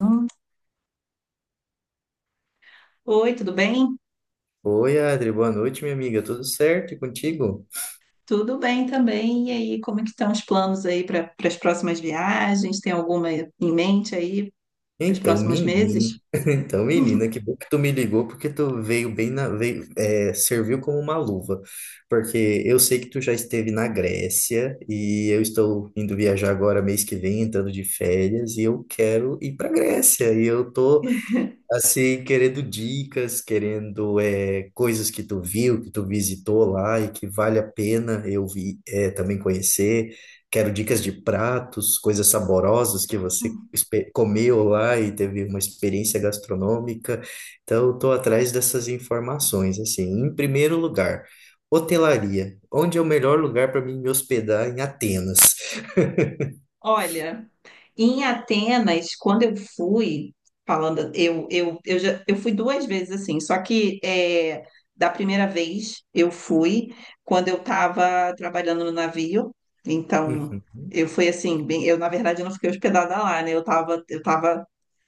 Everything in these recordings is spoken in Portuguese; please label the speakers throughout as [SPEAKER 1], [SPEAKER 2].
[SPEAKER 1] Hum, Oi, tudo bem?
[SPEAKER 2] Oi, Adri, boa noite, minha amiga. Tudo certo e contigo?
[SPEAKER 1] Tudo bem também. E aí, como é que estão os planos aí para as próximas viagens? Tem alguma em mente aí para os
[SPEAKER 2] Então,
[SPEAKER 1] próximos
[SPEAKER 2] menino,
[SPEAKER 1] meses?
[SPEAKER 2] então, menina, que bom que tu me ligou, porque tu veio bem na, veio, é, serviu como uma luva, porque eu sei que tu já esteve na Grécia e eu estou indo viajar agora mês que vem, entrando de férias, e eu quero ir para Grécia. E eu tô assim, querendo dicas, querendo coisas que tu viu, que tu visitou lá e que vale a pena eu também conhecer. Quero dicas de pratos, coisas saborosas que
[SPEAKER 1] Hum.
[SPEAKER 2] comeu lá e teve uma experiência gastronômica. Então, estou atrás dessas informações, assim. Em primeiro lugar, hotelaria. Onde é o melhor lugar para mim me hospedar em Atenas?
[SPEAKER 1] Olha, em Atenas, quando eu fui, falando, eu fui duas vezes assim, só que é, da primeira vez eu fui quando eu estava trabalhando no navio, então
[SPEAKER 2] Uhum.
[SPEAKER 1] eu fui assim, bem, eu na verdade eu não fiquei hospedada lá, né? Eu estava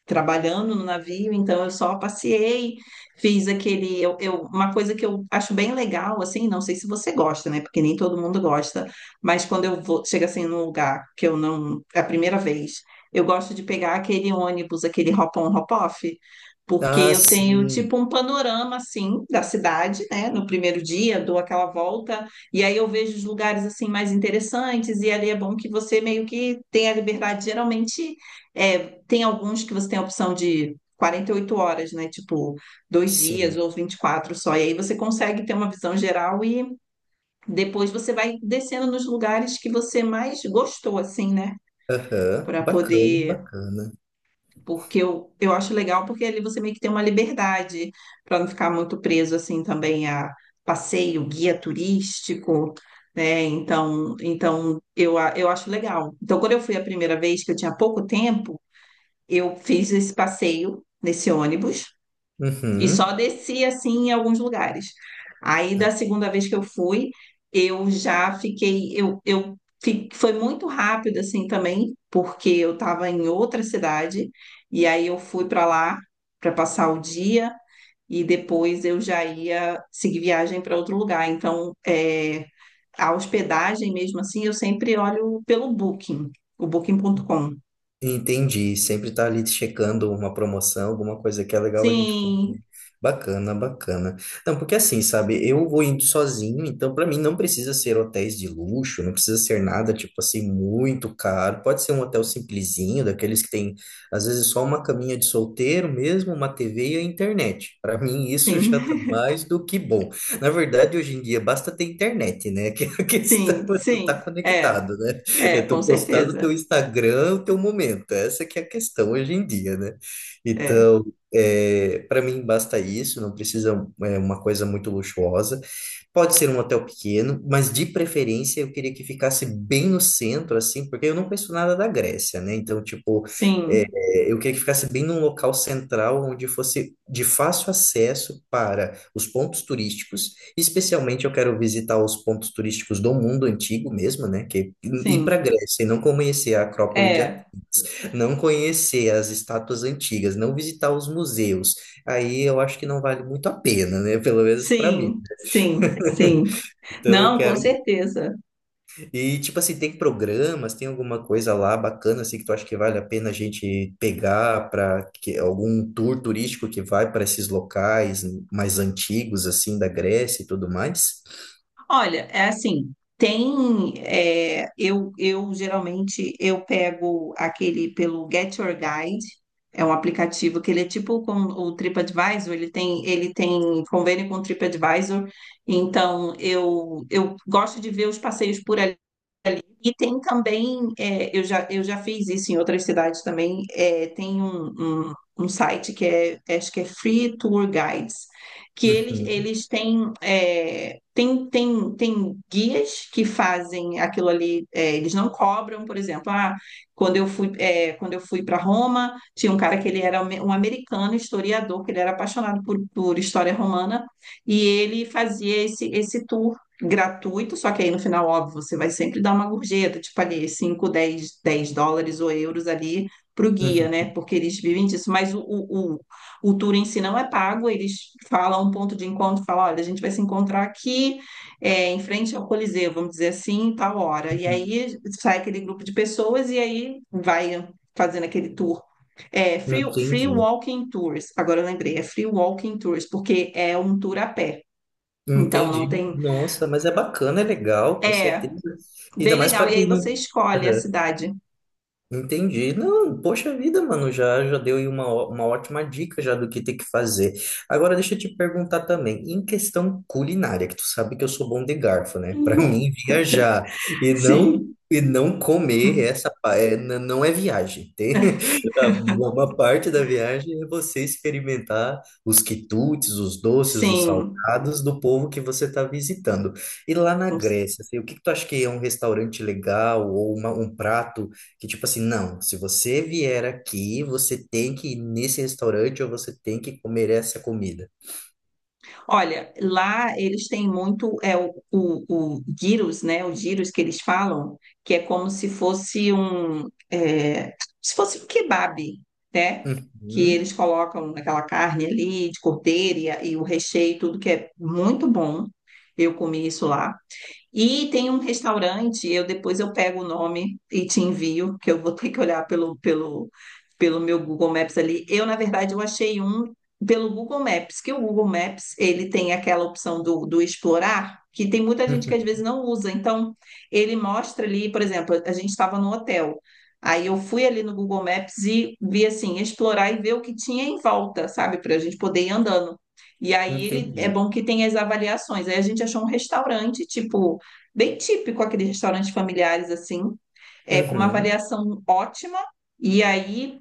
[SPEAKER 1] trabalhando no navio, então eu só passeei, fiz aquele, uma coisa que eu acho bem legal, assim, não sei se você gosta, né? Porque nem todo mundo gosta, mas quando eu vou, chega assim num lugar que eu não, é a primeira vez, eu gosto de pegar aquele ônibus, aquele hop-on, hop-off, porque
[SPEAKER 2] Ah,
[SPEAKER 1] eu tenho
[SPEAKER 2] sim,
[SPEAKER 1] tipo um panorama assim da cidade, né? No primeiro dia, dou aquela volta e aí eu vejo os lugares assim mais interessantes e ali é bom que você meio que tenha liberdade, geralmente é tem alguns que você tem a opção de 48 horas, né? Tipo, 2 dias
[SPEAKER 2] sim.
[SPEAKER 1] ou 24 só. E aí você consegue ter uma visão geral e depois você vai descendo nos lugares que você mais gostou, assim, né?
[SPEAKER 2] Aham,
[SPEAKER 1] Para
[SPEAKER 2] bacana,
[SPEAKER 1] poder.
[SPEAKER 2] bacana.
[SPEAKER 1] Porque eu acho legal, porque ali você meio que tem uma liberdade para não ficar muito preso, assim, também a passeio, guia turístico. Né? Então, eu acho legal. Então, quando eu fui a primeira vez, que eu tinha pouco tempo, eu fiz esse passeio nesse ônibus e só
[SPEAKER 2] Uhum.
[SPEAKER 1] desci assim em alguns lugares. Aí da segunda vez que eu fui, eu já fiquei, foi muito rápido assim também, porque eu estava em outra cidade e aí eu fui para lá para passar o dia e depois eu já ia seguir viagem para outro lugar. Então, é, a hospedagem mesmo assim, eu sempre olho pelo Booking, o Booking.com.
[SPEAKER 2] Entendi. Sempre tá ali checando uma promoção, alguma coisa que é legal a gente poder.
[SPEAKER 1] Sim,
[SPEAKER 2] Bacana, bacana. Não, porque assim, sabe, eu vou indo sozinho, então para mim não precisa ser hotéis de luxo, não precisa ser nada tipo assim muito caro. Pode ser um hotel simplesinho, daqueles que tem às vezes só uma caminha de solteiro mesmo, uma TV e a internet. Para mim isso
[SPEAKER 1] sim.
[SPEAKER 2] já tá mais do que bom. Na verdade, hoje em dia basta ter internet, né? Que é, a questão
[SPEAKER 1] Sim,
[SPEAKER 2] é tu tá
[SPEAKER 1] sim, é,
[SPEAKER 2] conectado, né? É tu
[SPEAKER 1] com
[SPEAKER 2] postar no
[SPEAKER 1] certeza,
[SPEAKER 2] teu Instagram o teu momento. Essa que é a questão hoje em dia, né?
[SPEAKER 1] é,
[SPEAKER 2] Então, para mim basta isso, não precisa uma coisa muito luxuosa. Pode ser um hotel pequeno, mas de preferência eu queria que ficasse bem no centro, assim, porque eu não conheço nada da Grécia, né? Então,
[SPEAKER 1] sim,
[SPEAKER 2] eu queria que ficasse bem num local central onde fosse de fácil acesso para os pontos turísticos. Especialmente eu quero visitar os pontos turísticos do mundo antigo mesmo, né? Que ir para
[SPEAKER 1] sim,
[SPEAKER 2] a Grécia e não conhecer a Acrópole de Atenas,
[SPEAKER 1] é,
[SPEAKER 2] não conhecer as estátuas antigas, não visitar os museus. Aí eu acho que não vale muito a pena, né? Pelo menos para mim.
[SPEAKER 1] sim, sim, sim,
[SPEAKER 2] Então eu
[SPEAKER 1] não, com
[SPEAKER 2] quero
[SPEAKER 1] certeza.
[SPEAKER 2] e, tipo assim, tem programas, tem alguma coisa lá bacana, assim, que tu acha que vale a pena a gente pegar para algum tour turístico que vai para esses locais mais antigos, assim, da Grécia e tudo mais?
[SPEAKER 1] Olha, é assim, tem, é, eu geralmente, eu pego aquele pelo Get Your Guide, é um aplicativo que ele é tipo com o TripAdvisor, ele tem convênio com o TripAdvisor, então eu gosto de ver os passeios por ali. E tem também, é, eu já fiz isso em outras cidades também, é, tem um, um site que é, acho que é Free Tour Guides, que eles,
[SPEAKER 2] Uhum,
[SPEAKER 1] eles têm, é, tem guias que fazem aquilo ali, é, eles não cobram, por exemplo, ah, quando eu fui, é, quando eu fui para Roma, tinha um cara que ele era um americano historiador, que ele era apaixonado por história romana, e ele fazia esse tour gratuito, só que aí no final, óbvio, você vai sempre dar uma gorjeta, tipo ali 5, 10, 10 dólares ou euros ali para o guia, né?
[SPEAKER 2] uhum,
[SPEAKER 1] Porque eles vivem disso, mas o tour em si não é pago, eles falam um ponto de encontro, falam, olha, a gente vai se encontrar aqui, é, em frente ao Coliseu, vamos dizer assim, tal hora. E
[SPEAKER 2] uhum.
[SPEAKER 1] aí sai aquele grupo de pessoas e aí vai fazendo aquele tour. É, free
[SPEAKER 2] Entendi.
[SPEAKER 1] Walking Tours, agora eu lembrei, é Free Walking Tours, porque é um tour a pé. Então não
[SPEAKER 2] Entendi.
[SPEAKER 1] tem.
[SPEAKER 2] Nossa, mas é bacana, é legal, com
[SPEAKER 1] É,
[SPEAKER 2] certeza. Ainda
[SPEAKER 1] bem
[SPEAKER 2] mais
[SPEAKER 1] legal.
[SPEAKER 2] para
[SPEAKER 1] E aí
[SPEAKER 2] quem
[SPEAKER 1] você
[SPEAKER 2] não.
[SPEAKER 1] escolhe a cidade.
[SPEAKER 2] Entendi. Não, poxa vida, mano, já já deu aí uma ótima dica já do que tem que fazer. Agora deixa eu te perguntar também, em questão culinária, que tu sabe que eu sou bom de garfo, né? Para
[SPEAKER 1] Uhum.
[SPEAKER 2] mim viajar e não
[SPEAKER 1] Sim,
[SPEAKER 2] e não comer essa pa- é, n- não é viagem. Tem uma parte da viagem é você experimentar os quitutes, os doces, os
[SPEAKER 1] sim.
[SPEAKER 2] salgados do povo que você está visitando. E lá na
[SPEAKER 1] Com-
[SPEAKER 2] Grécia, assim, o que que tu acha que é um restaurante legal ou um prato que tipo assim, não, se você vier aqui, você tem que ir nesse restaurante ou você tem que comer essa comida.
[SPEAKER 1] Olha, lá eles têm muito é o gyros, né? O gyros que eles falam, que é como se fosse se fosse um kebab, né? Que
[SPEAKER 2] Uhum,
[SPEAKER 1] eles colocam aquela carne ali de cordeiro e o recheio, tudo que é muito bom. Eu comi isso lá. E tem um restaurante, eu depois eu pego o nome e te envio, que eu vou ter que olhar pelo meu Google Maps ali. Eu, na verdade, eu achei um pelo Google Maps, que o Google Maps, ele tem aquela opção do explorar, que tem muita gente que às
[SPEAKER 2] uhum,
[SPEAKER 1] vezes não usa. Então, ele mostra ali, por exemplo, a gente estava no hotel. Aí eu fui ali no Google Maps e vi assim, explorar e ver o que tinha em volta, sabe? Para a gente poder ir andando. E aí ele é
[SPEAKER 2] entendi.
[SPEAKER 1] bom que tem as avaliações. Aí a gente achou um restaurante, tipo bem típico aqueles restaurantes familiares assim, é, com uma
[SPEAKER 2] Uhum,
[SPEAKER 1] avaliação ótima. E aí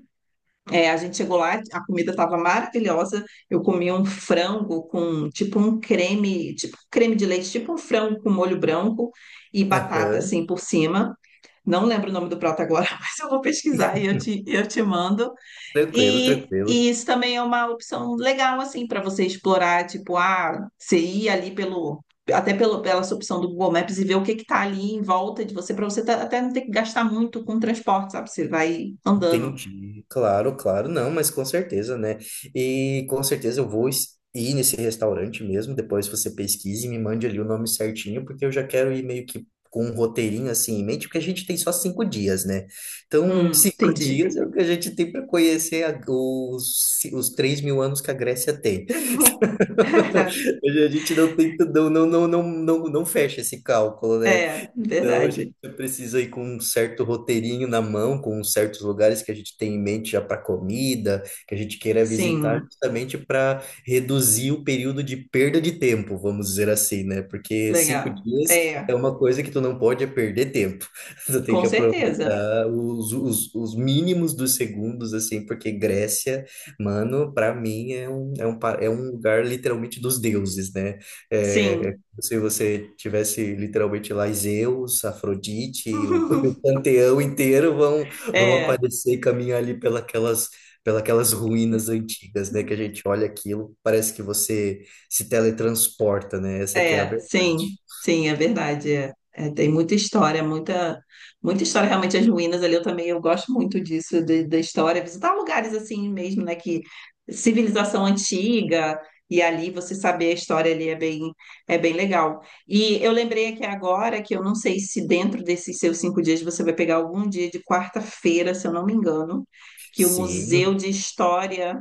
[SPEAKER 1] é, a gente chegou lá, a comida estava maravilhosa. Eu comi um frango com tipo um creme de leite, tipo um frango com molho branco e batata
[SPEAKER 2] aham,
[SPEAKER 1] assim por cima. Não lembro o nome do prato agora, mas eu vou pesquisar e eu te mando.
[SPEAKER 2] tranquilo, tranquilo.
[SPEAKER 1] E isso também é uma opção legal, assim, para você explorar, tipo, ah, você ir ali pela sua opção do Google Maps e ver o que que tá ali em volta de você, para você até não ter que gastar muito com transporte, sabe? Você vai andando.
[SPEAKER 2] Entendi, claro, claro, não, mas com certeza, né? E com certeza eu vou ir nesse restaurante mesmo. Depois você pesquise e me mande ali o nome certinho, porque eu já quero ir meio que com um roteirinho assim em mente, porque a gente tem só 5 dias, né? Então, em 5
[SPEAKER 1] Entendi.
[SPEAKER 2] dias é o que a gente tem para conhecer os 3 mil anos que a Grécia tem. Hoje a gente não tem, não, não, não, não, não, não fecha esse cálculo, né?
[SPEAKER 1] É,
[SPEAKER 2] Então a
[SPEAKER 1] verdade.
[SPEAKER 2] gente precisa ir com um certo roteirinho na mão, com certos lugares que a gente tem em mente já para comida, que a gente queira visitar
[SPEAKER 1] Sim,
[SPEAKER 2] justamente para reduzir o período de perda de tempo, vamos dizer assim, né? Porque cinco
[SPEAKER 1] legal.
[SPEAKER 2] dias
[SPEAKER 1] É,
[SPEAKER 2] é uma coisa que tu não pode é perder tempo. Tu tem
[SPEAKER 1] com
[SPEAKER 2] que
[SPEAKER 1] certeza.
[SPEAKER 2] aproveitar os mínimos dos segundos, assim, porque Grécia. Mano, pra mim é é um lugar literalmente dos deuses, né? É, é
[SPEAKER 1] Sim.
[SPEAKER 2] como se você tivesse literalmente lá Zeus, Afrodite, o, o panteão inteiro vão
[SPEAKER 1] É.
[SPEAKER 2] aparecer e caminhar ali pelas ruínas antigas, né? Que a gente olha aquilo, parece que você se teletransporta, né? Essa que é a
[SPEAKER 1] É, sim,
[SPEAKER 2] verdade.
[SPEAKER 1] sim, é verdade. É. É, tem muita história, muita, muita história. Realmente, as ruínas ali, eu também eu gosto muito disso, da história. Visitar lugares assim mesmo, né? Que civilização antiga, e ali você saber a história ali é é bem legal. E eu lembrei aqui agora que eu não sei se dentro desses seus 5 dias você vai pegar algum dia de quarta-feira, se eu não me engano, que o Museu
[SPEAKER 2] Sim,
[SPEAKER 1] de História.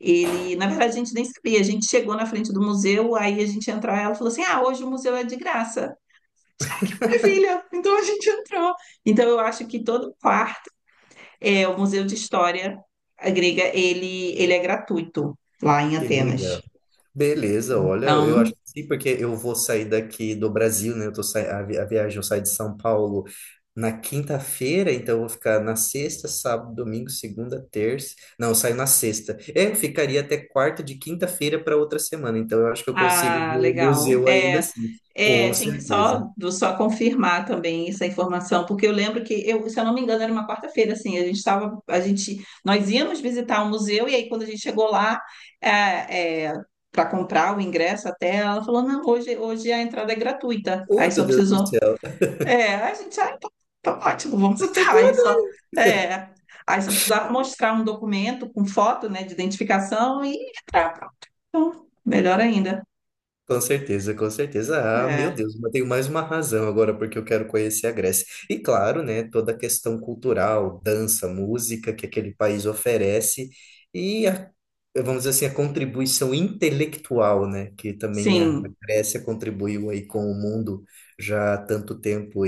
[SPEAKER 1] Ele, na verdade, a gente nem sabia. A gente chegou na frente do museu, aí a gente entrou, ela falou assim: Ah, hoje o museu é de graça. Ah, que maravilha! Então a gente entrou. Então eu acho que todo quarto é o Museu de História Grega, ele é gratuito lá em
[SPEAKER 2] que
[SPEAKER 1] Atenas.
[SPEAKER 2] legal. Beleza, olha, eu acho
[SPEAKER 1] Então,
[SPEAKER 2] que sim, porque eu vou sair daqui do Brasil, né? Eu tô sai... a viagem, eu saio de São Paulo na quinta-feira, então eu vou ficar na sexta, sábado, domingo, segunda, terça. Não, eu saio na sexta. É, eu ficaria até quarta, de quinta-feira para outra semana, então eu acho que eu consigo ver
[SPEAKER 1] ah,
[SPEAKER 2] o
[SPEAKER 1] legal.
[SPEAKER 2] museu ainda
[SPEAKER 1] É.
[SPEAKER 2] assim, com
[SPEAKER 1] É, tem que
[SPEAKER 2] certeza.
[SPEAKER 1] só, só confirmar também essa informação, porque eu lembro que eu, se eu não me engano, era uma quarta-feira, assim, a gente estava, a gente, nós íamos visitar o museu, e aí quando a gente chegou lá, para comprar o ingresso até, ela falou, não, hoje a entrada é gratuita,
[SPEAKER 2] Oh,
[SPEAKER 1] aí só
[SPEAKER 2] meu Deus do
[SPEAKER 1] precisou,
[SPEAKER 2] céu.
[SPEAKER 1] é, a gente, ah, tá tá ótimo, vamos
[SPEAKER 2] Eu tô
[SPEAKER 1] entrar, aí só, é, aí só precisava mostrar um documento com foto, né, de identificação e entrar, pronto. Então, melhor ainda,
[SPEAKER 2] com certeza, com certeza. Ah, meu
[SPEAKER 1] é,
[SPEAKER 2] Deus, mas tenho mais uma razão agora porque eu quero conhecer a Grécia. E claro, né, toda a questão cultural, dança, música que aquele país oferece e a, vamos dizer assim, a contribuição intelectual, né, que também a
[SPEAKER 1] sim,
[SPEAKER 2] Grécia contribuiu aí com o mundo já há tanto tempo,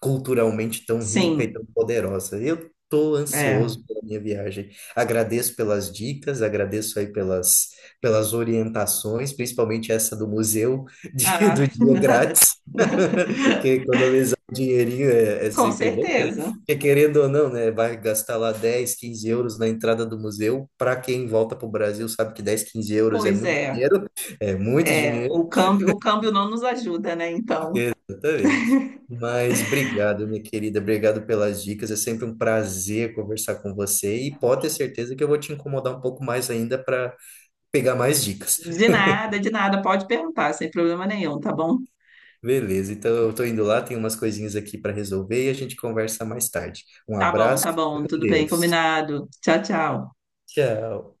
[SPEAKER 2] culturalmente tão rica e
[SPEAKER 1] sim.
[SPEAKER 2] tão poderosa. Eu estou
[SPEAKER 1] É.
[SPEAKER 2] ansioso pela minha viagem. Agradeço pelas dicas, agradeço aí pelas orientações, principalmente essa do museu do
[SPEAKER 1] Ah,
[SPEAKER 2] dia
[SPEAKER 1] nada.
[SPEAKER 2] grátis, que economizar um dinheirinho é
[SPEAKER 1] Com
[SPEAKER 2] sempre bom, quer-
[SPEAKER 1] certeza.
[SPEAKER 2] porque querendo ou não, né, vai gastar lá 10, 15 euros na entrada do museu. Para quem volta para o Brasil, sabe que 10, 15 euros é
[SPEAKER 1] Pois
[SPEAKER 2] muito
[SPEAKER 1] é.
[SPEAKER 2] dinheiro, é muito
[SPEAKER 1] É,
[SPEAKER 2] dinheiro.
[SPEAKER 1] o câmbio não nos ajuda, né? Então,
[SPEAKER 2] Exatamente. Mas obrigado, minha querida. Obrigado pelas dicas. É sempre um prazer conversar com você, e pode ter certeza que eu vou te incomodar um pouco mais ainda para pegar mais dicas.
[SPEAKER 1] de nada, pode perguntar, sem problema nenhum, tá bom?
[SPEAKER 2] Beleza, então eu tô indo lá, tem umas coisinhas aqui para resolver e a gente conversa mais tarde. Um
[SPEAKER 1] Tá bom,
[SPEAKER 2] abraço,
[SPEAKER 1] tá bom,
[SPEAKER 2] fica com
[SPEAKER 1] tudo bem,
[SPEAKER 2] Deus.
[SPEAKER 1] combinado. Tchau, tchau.
[SPEAKER 2] Tchau.